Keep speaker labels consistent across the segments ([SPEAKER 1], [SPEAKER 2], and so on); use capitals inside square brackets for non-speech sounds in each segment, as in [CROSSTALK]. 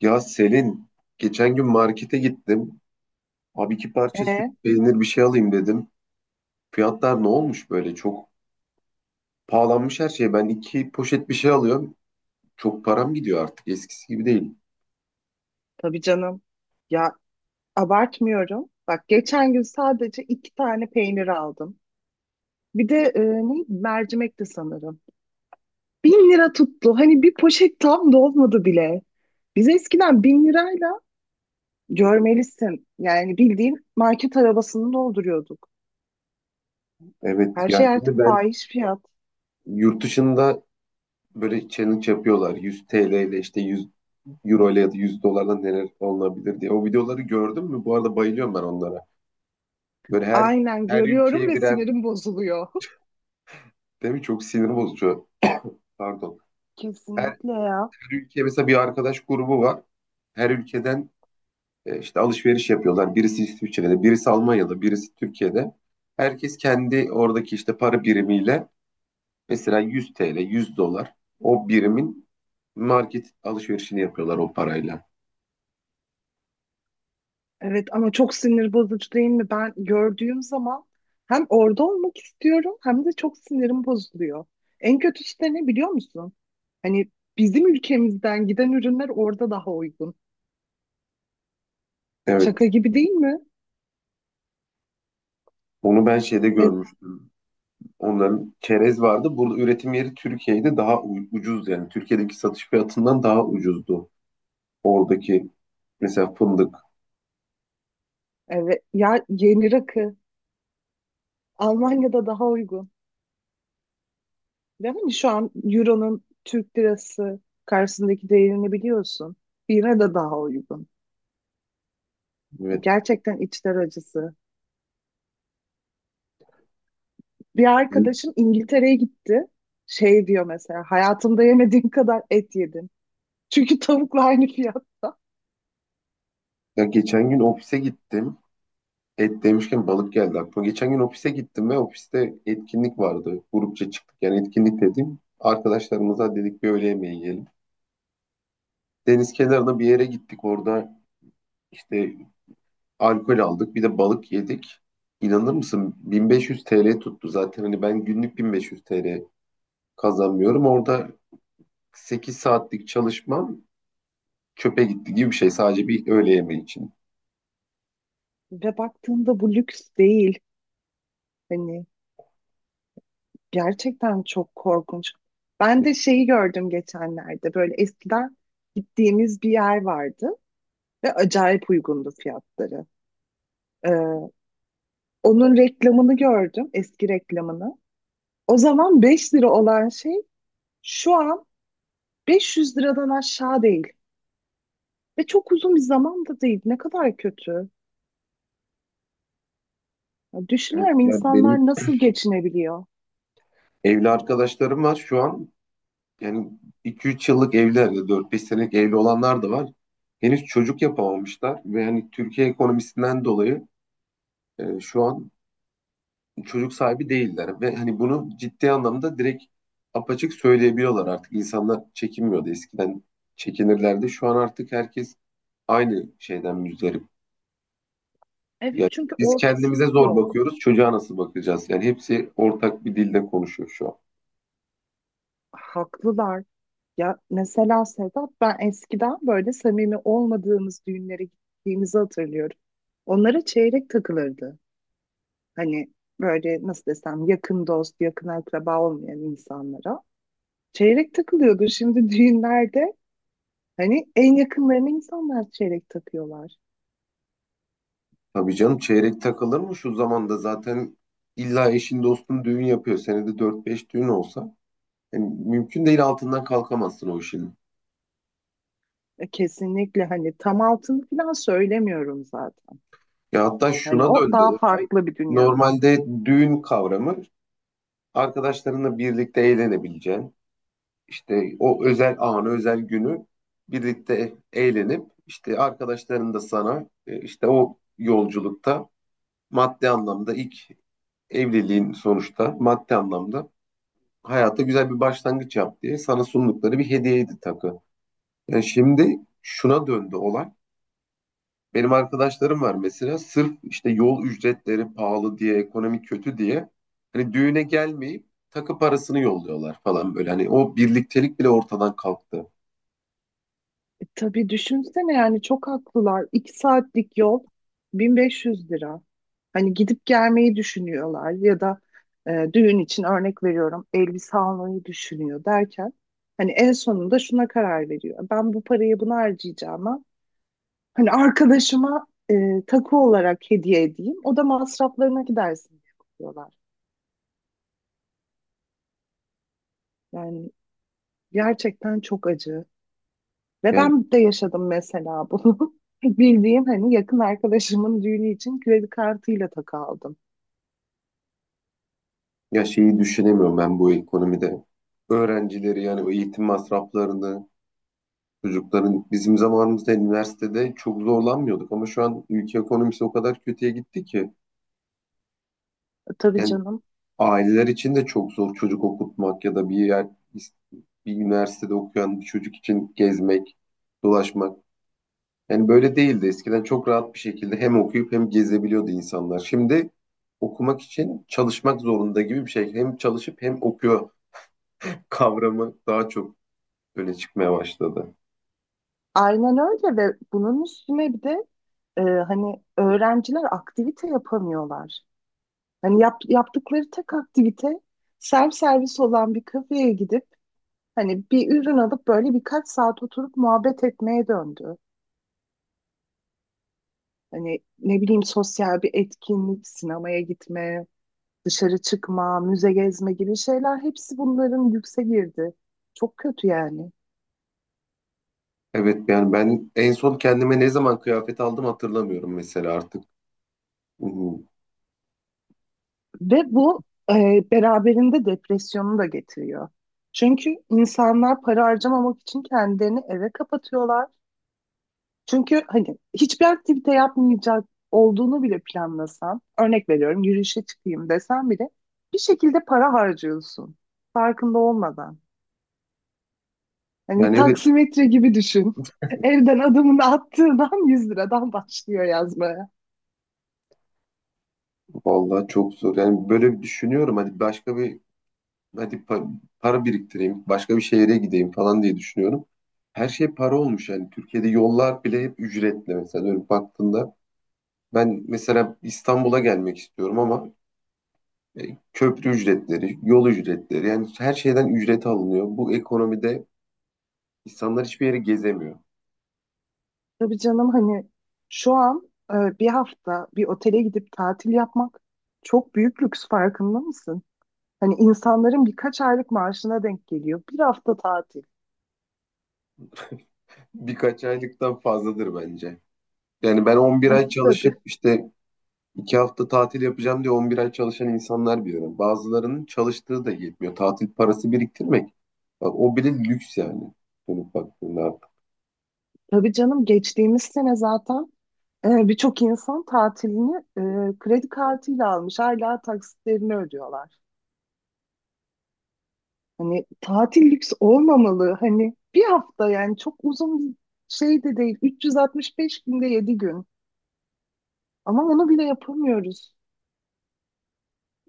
[SPEAKER 1] Ya Selin, geçen gün markete gittim. Abi iki parça süt
[SPEAKER 2] E,
[SPEAKER 1] peynir bir şey alayım dedim. Fiyatlar ne olmuş böyle? Çok pahalanmış her şey. Ben iki poşet bir şey alıyorum. Çok param gidiyor artık. Eskisi gibi değil.
[SPEAKER 2] tabii canım. Ya abartmıyorum. Bak geçen gün sadece iki tane peynir aldım. Bir de ne mercimekti sanırım. Bin lira tuttu. Hani bir poşet tam dolmadı bile. Biz eskiden bin lirayla görmelisin. Yani bildiğin market arabasını dolduruyorduk.
[SPEAKER 1] Evet
[SPEAKER 2] Her
[SPEAKER 1] ya
[SPEAKER 2] şey
[SPEAKER 1] şimdi
[SPEAKER 2] artık
[SPEAKER 1] ben
[SPEAKER 2] fahiş fiyat.
[SPEAKER 1] yurt dışında böyle challenge yapıyorlar. 100 TL ile işte 100 euro ile ya da 100 dolarla neler olabilir diye. O videoları gördün mü? Bu arada bayılıyorum ben onlara. Böyle her
[SPEAKER 2] Aynen
[SPEAKER 1] her
[SPEAKER 2] görüyorum
[SPEAKER 1] ülkeye
[SPEAKER 2] ve
[SPEAKER 1] birer
[SPEAKER 2] sinirim bozuluyor.
[SPEAKER 1] değil mi? Çok sinir bozucu. Pardon.
[SPEAKER 2] [LAUGHS]
[SPEAKER 1] Her
[SPEAKER 2] Kesinlikle ya.
[SPEAKER 1] Her ülke mesela bir arkadaş grubu var. Her ülkeden işte alışveriş yapıyorlar. Birisi İsviçre'de, birisi Almanya'da, birisi Türkiye'de. Herkes kendi oradaki işte para birimiyle mesela 100 TL, 100 dolar o birimin market alışverişini yapıyorlar o parayla.
[SPEAKER 2] Evet ama çok sinir bozucu değil mi? Ben gördüğüm zaman hem orada olmak istiyorum hem de çok sinirim bozuluyor. En kötüsü de ne biliyor musun? Hani bizim ülkemizden giden ürünler orada daha uygun.
[SPEAKER 1] Evet.
[SPEAKER 2] Şaka gibi değil mi?
[SPEAKER 1] Onu ben şeyde
[SPEAKER 2] Ve
[SPEAKER 1] görmüştüm. Onların çerez vardı. Burada üretim yeri Türkiye'de daha ucuz yani. Türkiye'deki satış fiyatından daha ucuzdu. Oradaki mesela fındık.
[SPEAKER 2] evet ya yeni rakı Almanya'da daha uygun. Ve hani şu an Euro'nun Türk lirası karşısındaki değerini biliyorsun. Yine de daha uygun.
[SPEAKER 1] Evet.
[SPEAKER 2] Gerçekten içler acısı. Bir
[SPEAKER 1] Ben-
[SPEAKER 2] arkadaşım İngiltere'ye gitti. Şey diyor mesela hayatımda yemediğim kadar et yedim. [LAUGHS] Çünkü tavukla aynı fiyatta.
[SPEAKER 1] ya geçen gün ofise gittim. Et demişken balık geldi aklıma. Geçen gün ofise gittim ve ofiste etkinlik vardı. Grupça çıktık. Yani etkinlik dediğim arkadaşlarımıza dedik bir öğle yemeği yiyelim. Deniz kenarına bir yere gittik. Orada işte alkol aldık. Bir de balık yedik. İnanır mısın? 1500 TL tuttu. Zaten hani ben günlük 1500 TL kazanmıyorum. Orada 8 saatlik çalışmam çöpe gitti gibi bir şey. Sadece bir öğle yemeği için.
[SPEAKER 2] Ve baktığında bu lüks değil. Hani gerçekten çok korkunç. Ben de şeyi gördüm geçenlerde. Böyle eskiden gittiğimiz bir yer vardı ve acayip uygundu fiyatları. Ee, Onun reklamını gördüm, eski reklamını. O zaman 5 lira olan şey şu an 500 liradan aşağı değil. Ve çok uzun bir zamanda değil. Ne kadar kötü. Ya
[SPEAKER 1] Evet,
[SPEAKER 2] düşünüyorum
[SPEAKER 1] yani benim
[SPEAKER 2] insanlar nasıl geçinebiliyor.
[SPEAKER 1] evli arkadaşlarım var şu an. Yani iki üç yıllık evliler ya dört beş senelik evli olanlar da var. Henüz çocuk yapamamışlar ve hani Türkiye ekonomisinden dolayı şu an çocuk sahibi değiller ve hani bunu ciddi anlamda direkt apaçık söyleyebiliyorlar artık. İnsanlar çekinmiyordu. Eskiden çekinirlerdi. Şu an artık herkes aynı şeyden müzdarip. Yani
[SPEAKER 2] Evet çünkü
[SPEAKER 1] biz
[SPEAKER 2] orta
[SPEAKER 1] kendimize
[SPEAKER 2] sınıf
[SPEAKER 1] zor
[SPEAKER 2] yok.
[SPEAKER 1] bakıyoruz. Çocuğa nasıl bakacağız? Yani hepsi ortak bir dilde konuşuyor şu an.
[SPEAKER 2] Haklılar. Ya mesela Sedat, ben eskiden böyle samimi olmadığımız düğünlere gittiğimizi hatırlıyorum. Onlara çeyrek takılırdı. Hani böyle nasıl desem, yakın dost, yakın akraba olmayan insanlara. Çeyrek takılıyordu şimdi düğünlerde. Hani en yakınlarına insanlar çeyrek takıyorlar.
[SPEAKER 1] Tabii canım çeyrek takılır mı şu zamanda zaten illa eşin dostun düğün yapıyor. Senede dört beş düğün olsa yani mümkün değil altından kalkamazsın o işin.
[SPEAKER 2] E, kesinlikle hani tam altını falan söylemiyorum zaten.
[SPEAKER 1] Ya hatta
[SPEAKER 2] Hani
[SPEAKER 1] şuna
[SPEAKER 2] o
[SPEAKER 1] döndü
[SPEAKER 2] daha
[SPEAKER 1] olay.
[SPEAKER 2] farklı bir dünya.
[SPEAKER 1] Normalde düğün kavramı arkadaşlarınla birlikte eğlenebileceğin işte o özel anı özel günü birlikte eğlenip işte arkadaşların da sana işte o yolculukta maddi anlamda ilk evliliğin sonuçta maddi anlamda hayata güzel bir başlangıç yap diye sana sundukları bir hediyeydi takı. Yani şimdi şuna döndü olay. Benim arkadaşlarım var mesela sırf işte yol ücretleri pahalı diye, ekonomi kötü diye hani düğüne gelmeyip takı parasını yolluyorlar falan böyle. Hani o birliktelik bile ortadan kalktı.
[SPEAKER 2] E, tabii düşünsene yani çok haklılar. İki saatlik yol 1500 lira. Hani gidip gelmeyi düşünüyorlar ya da düğün için örnek veriyorum elbise almayı düşünüyor derken hani en sonunda şuna karar veriyor. Ben bu parayı buna harcayacağım. Hani arkadaşıma takı olarak hediye edeyim. O da masraflarına gidersin diye yapıyorlar. Yani gerçekten çok acı. Ve
[SPEAKER 1] Yani
[SPEAKER 2] ben de yaşadım mesela bunu. [LAUGHS] Bildiğim hani yakın arkadaşımın düğünü için kredi kartıyla takı aldım.
[SPEAKER 1] ya şeyi düşünemiyorum ben bu ekonomide. Öğrencileri yani o eğitim masraflarını çocukların bizim zamanımızda üniversitede çok zorlanmıyorduk ama şu an ülke ekonomisi o kadar kötüye gitti ki
[SPEAKER 2] Tabii
[SPEAKER 1] yani
[SPEAKER 2] canım.
[SPEAKER 1] aileler için de çok zor çocuk okutmak ya da bir yer bir üniversitede okuyan bir çocuk için gezmek, dolaşmak. Yani böyle değildi. Eskiden çok rahat bir şekilde hem okuyup hem gezebiliyordu insanlar. Şimdi okumak için çalışmak zorunda gibi bir şey. Hem çalışıp hem okuyor kavramı daha çok öne çıkmaya başladı.
[SPEAKER 2] Aynen öyle ve bunun üstüne bir de hani öğrenciler aktivite yapamıyorlar. Hani yaptıkları tek aktivite servis olan bir kafeye gidip hani bir ürün alıp böyle birkaç saat oturup muhabbet etmeye döndü. Hani ne bileyim sosyal bir etkinlik, sinemaya gitme, dışarı çıkma, müze gezme gibi şeyler hepsi bunların yükse girdi. Çok kötü yani.
[SPEAKER 1] Evet yani ben en son kendime ne zaman kıyafet aldım hatırlamıyorum mesela artık. Hı hı.
[SPEAKER 2] Ve bu e, beraberinde depresyonu da getiriyor. Çünkü insanlar para harcamamak için kendilerini eve kapatıyorlar. Çünkü hani hiçbir aktivite yapmayacak olduğunu bile planlasan, örnek veriyorum yürüyüşe çıkayım desen bile bir şekilde para harcıyorsun farkında olmadan. Hani
[SPEAKER 1] Yani evet
[SPEAKER 2] taksimetre gibi düşün. [LAUGHS] Evden adımını attığından 100 liradan başlıyor yazmaya.
[SPEAKER 1] vallahi çok zor. Yani böyle bir düşünüyorum hadi para biriktireyim, başka bir şehre gideyim falan diye düşünüyorum. Her şey para olmuş yani Türkiye'de yollar bile hep ücretli mesela dönüp baktığında. Ben mesela İstanbul'a gelmek istiyorum ama köprü ücretleri, yol ücretleri yani her şeyden ücret alınıyor. Bu ekonomide insanlar hiçbir yere gezemiyor.
[SPEAKER 2] Tabii canım hani şu an bir hafta bir otele gidip tatil yapmak çok büyük lüks, farkında mısın? Hani insanların birkaç aylık maaşına denk geliyor. Bir hafta tatil.
[SPEAKER 1] [LAUGHS] Birkaç aylıktan fazladır bence. Yani ben 11 ay
[SPEAKER 2] [LAUGHS]
[SPEAKER 1] çalışıp
[SPEAKER 2] Tabii.
[SPEAKER 1] işte 2 hafta tatil yapacağım diye 11 ay çalışan insanlar biliyorum. Bazılarının çalıştığı da yetmiyor. Tatil parası biriktirmek. Bak, o bile lüks yani. Dönüp baktığında artık.
[SPEAKER 2] Tabii canım geçtiğimiz sene zaten birçok insan tatilini kredi kartıyla almış. Hala taksitlerini ödüyorlar. Hani tatil lüks olmamalı. Hani bir hafta yani çok uzun bir şey de değil. 365 günde 7 gün. Ama onu bile yapamıyoruz.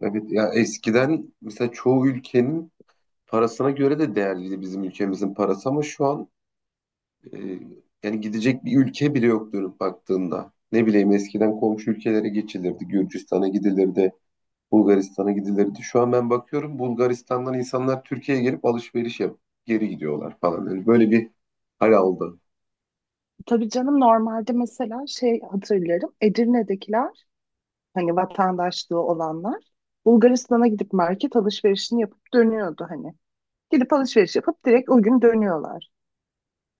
[SPEAKER 1] Evet ya eskiden mesela çoğu ülkenin parasına göre de değerliydi bizim ülkemizin parası ama şu an e, yani gidecek bir ülke bile yok dönüp baktığında. Ne bileyim eskiden komşu ülkelere geçilirdi. Gürcistan'a gidilirdi. Bulgaristan'a gidilirdi. Şu an ben bakıyorum Bulgaristan'dan insanlar Türkiye'ye gelip alışveriş yapıp geri gidiyorlar falan. Yani böyle bir hal aldı.
[SPEAKER 2] Tabii canım normalde mesela şey hatırlarım. Edirne'dekiler hani vatandaşlığı olanlar Bulgaristan'a gidip market alışverişini yapıp dönüyordu hani. Gidip alışveriş yapıp direkt o gün dönüyorlar.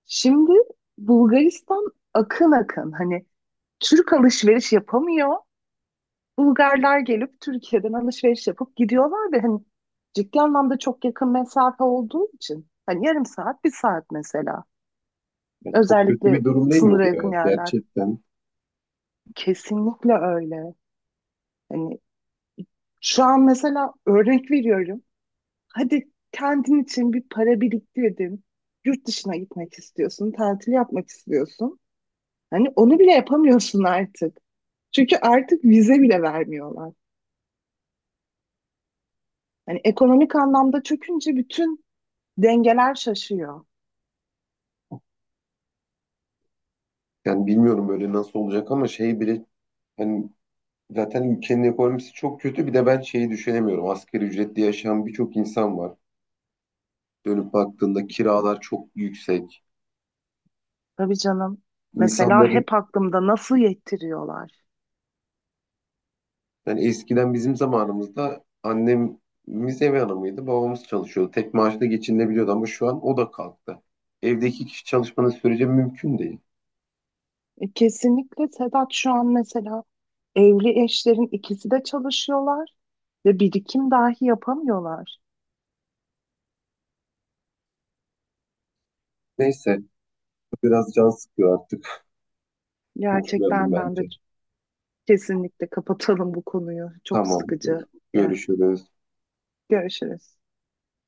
[SPEAKER 2] Şimdi Bulgaristan akın akın hani Türk alışveriş yapamıyor. Bulgarlar gelip Türkiye'den alışveriş yapıp gidiyorlar ve hani ciddi anlamda çok yakın mesafe olduğu için hani yarım saat, bir saat mesela.
[SPEAKER 1] Yani çok kötü bir
[SPEAKER 2] Özellikle
[SPEAKER 1] durum değil mi
[SPEAKER 2] sınıra
[SPEAKER 1] bu ya?
[SPEAKER 2] yakın yerler.
[SPEAKER 1] Gerçekten.
[SPEAKER 2] Kesinlikle öyle. Hani şu an mesela örnek veriyorum. Hadi kendin için bir para biriktirdin. Yurt dışına gitmek istiyorsun, tatil yapmak istiyorsun. Hani onu bile yapamıyorsun artık. Çünkü artık vize bile vermiyorlar. Hani ekonomik anlamda çökünce bütün dengeler şaşıyor.
[SPEAKER 1] Yani bilmiyorum böyle nasıl olacak ama şey bile hani zaten ülkenin ekonomisi çok kötü. Bir de ben şeyi düşünemiyorum. Asgari ücretli yaşayan birçok insan var. Dönüp baktığında kiralar çok yüksek.
[SPEAKER 2] Tabii canım. Mesela
[SPEAKER 1] İnsanların
[SPEAKER 2] hep aklımda nasıl yettiriyorlar.
[SPEAKER 1] yani eskiden bizim zamanımızda annemiz ev hanımıydı, babamız çalışıyordu. Tek maaşla geçinebiliyordu ama şu an o da kalktı. Evde iki kişi çalışmanın sürece mümkün değil.
[SPEAKER 2] E, kesinlikle Sedat şu an mesela evli eşlerin ikisi de çalışıyorlar ve birikim dahi yapamıyorlar.
[SPEAKER 1] Neyse, biraz can sıkıyor artık. Konuşmayalım
[SPEAKER 2] Gerçekten ben de
[SPEAKER 1] bence.
[SPEAKER 2] kesinlikle kapatalım bu konuyu. Çok
[SPEAKER 1] Tamam,
[SPEAKER 2] sıkıcı. Yani
[SPEAKER 1] görüşürüz.
[SPEAKER 2] görüşürüz.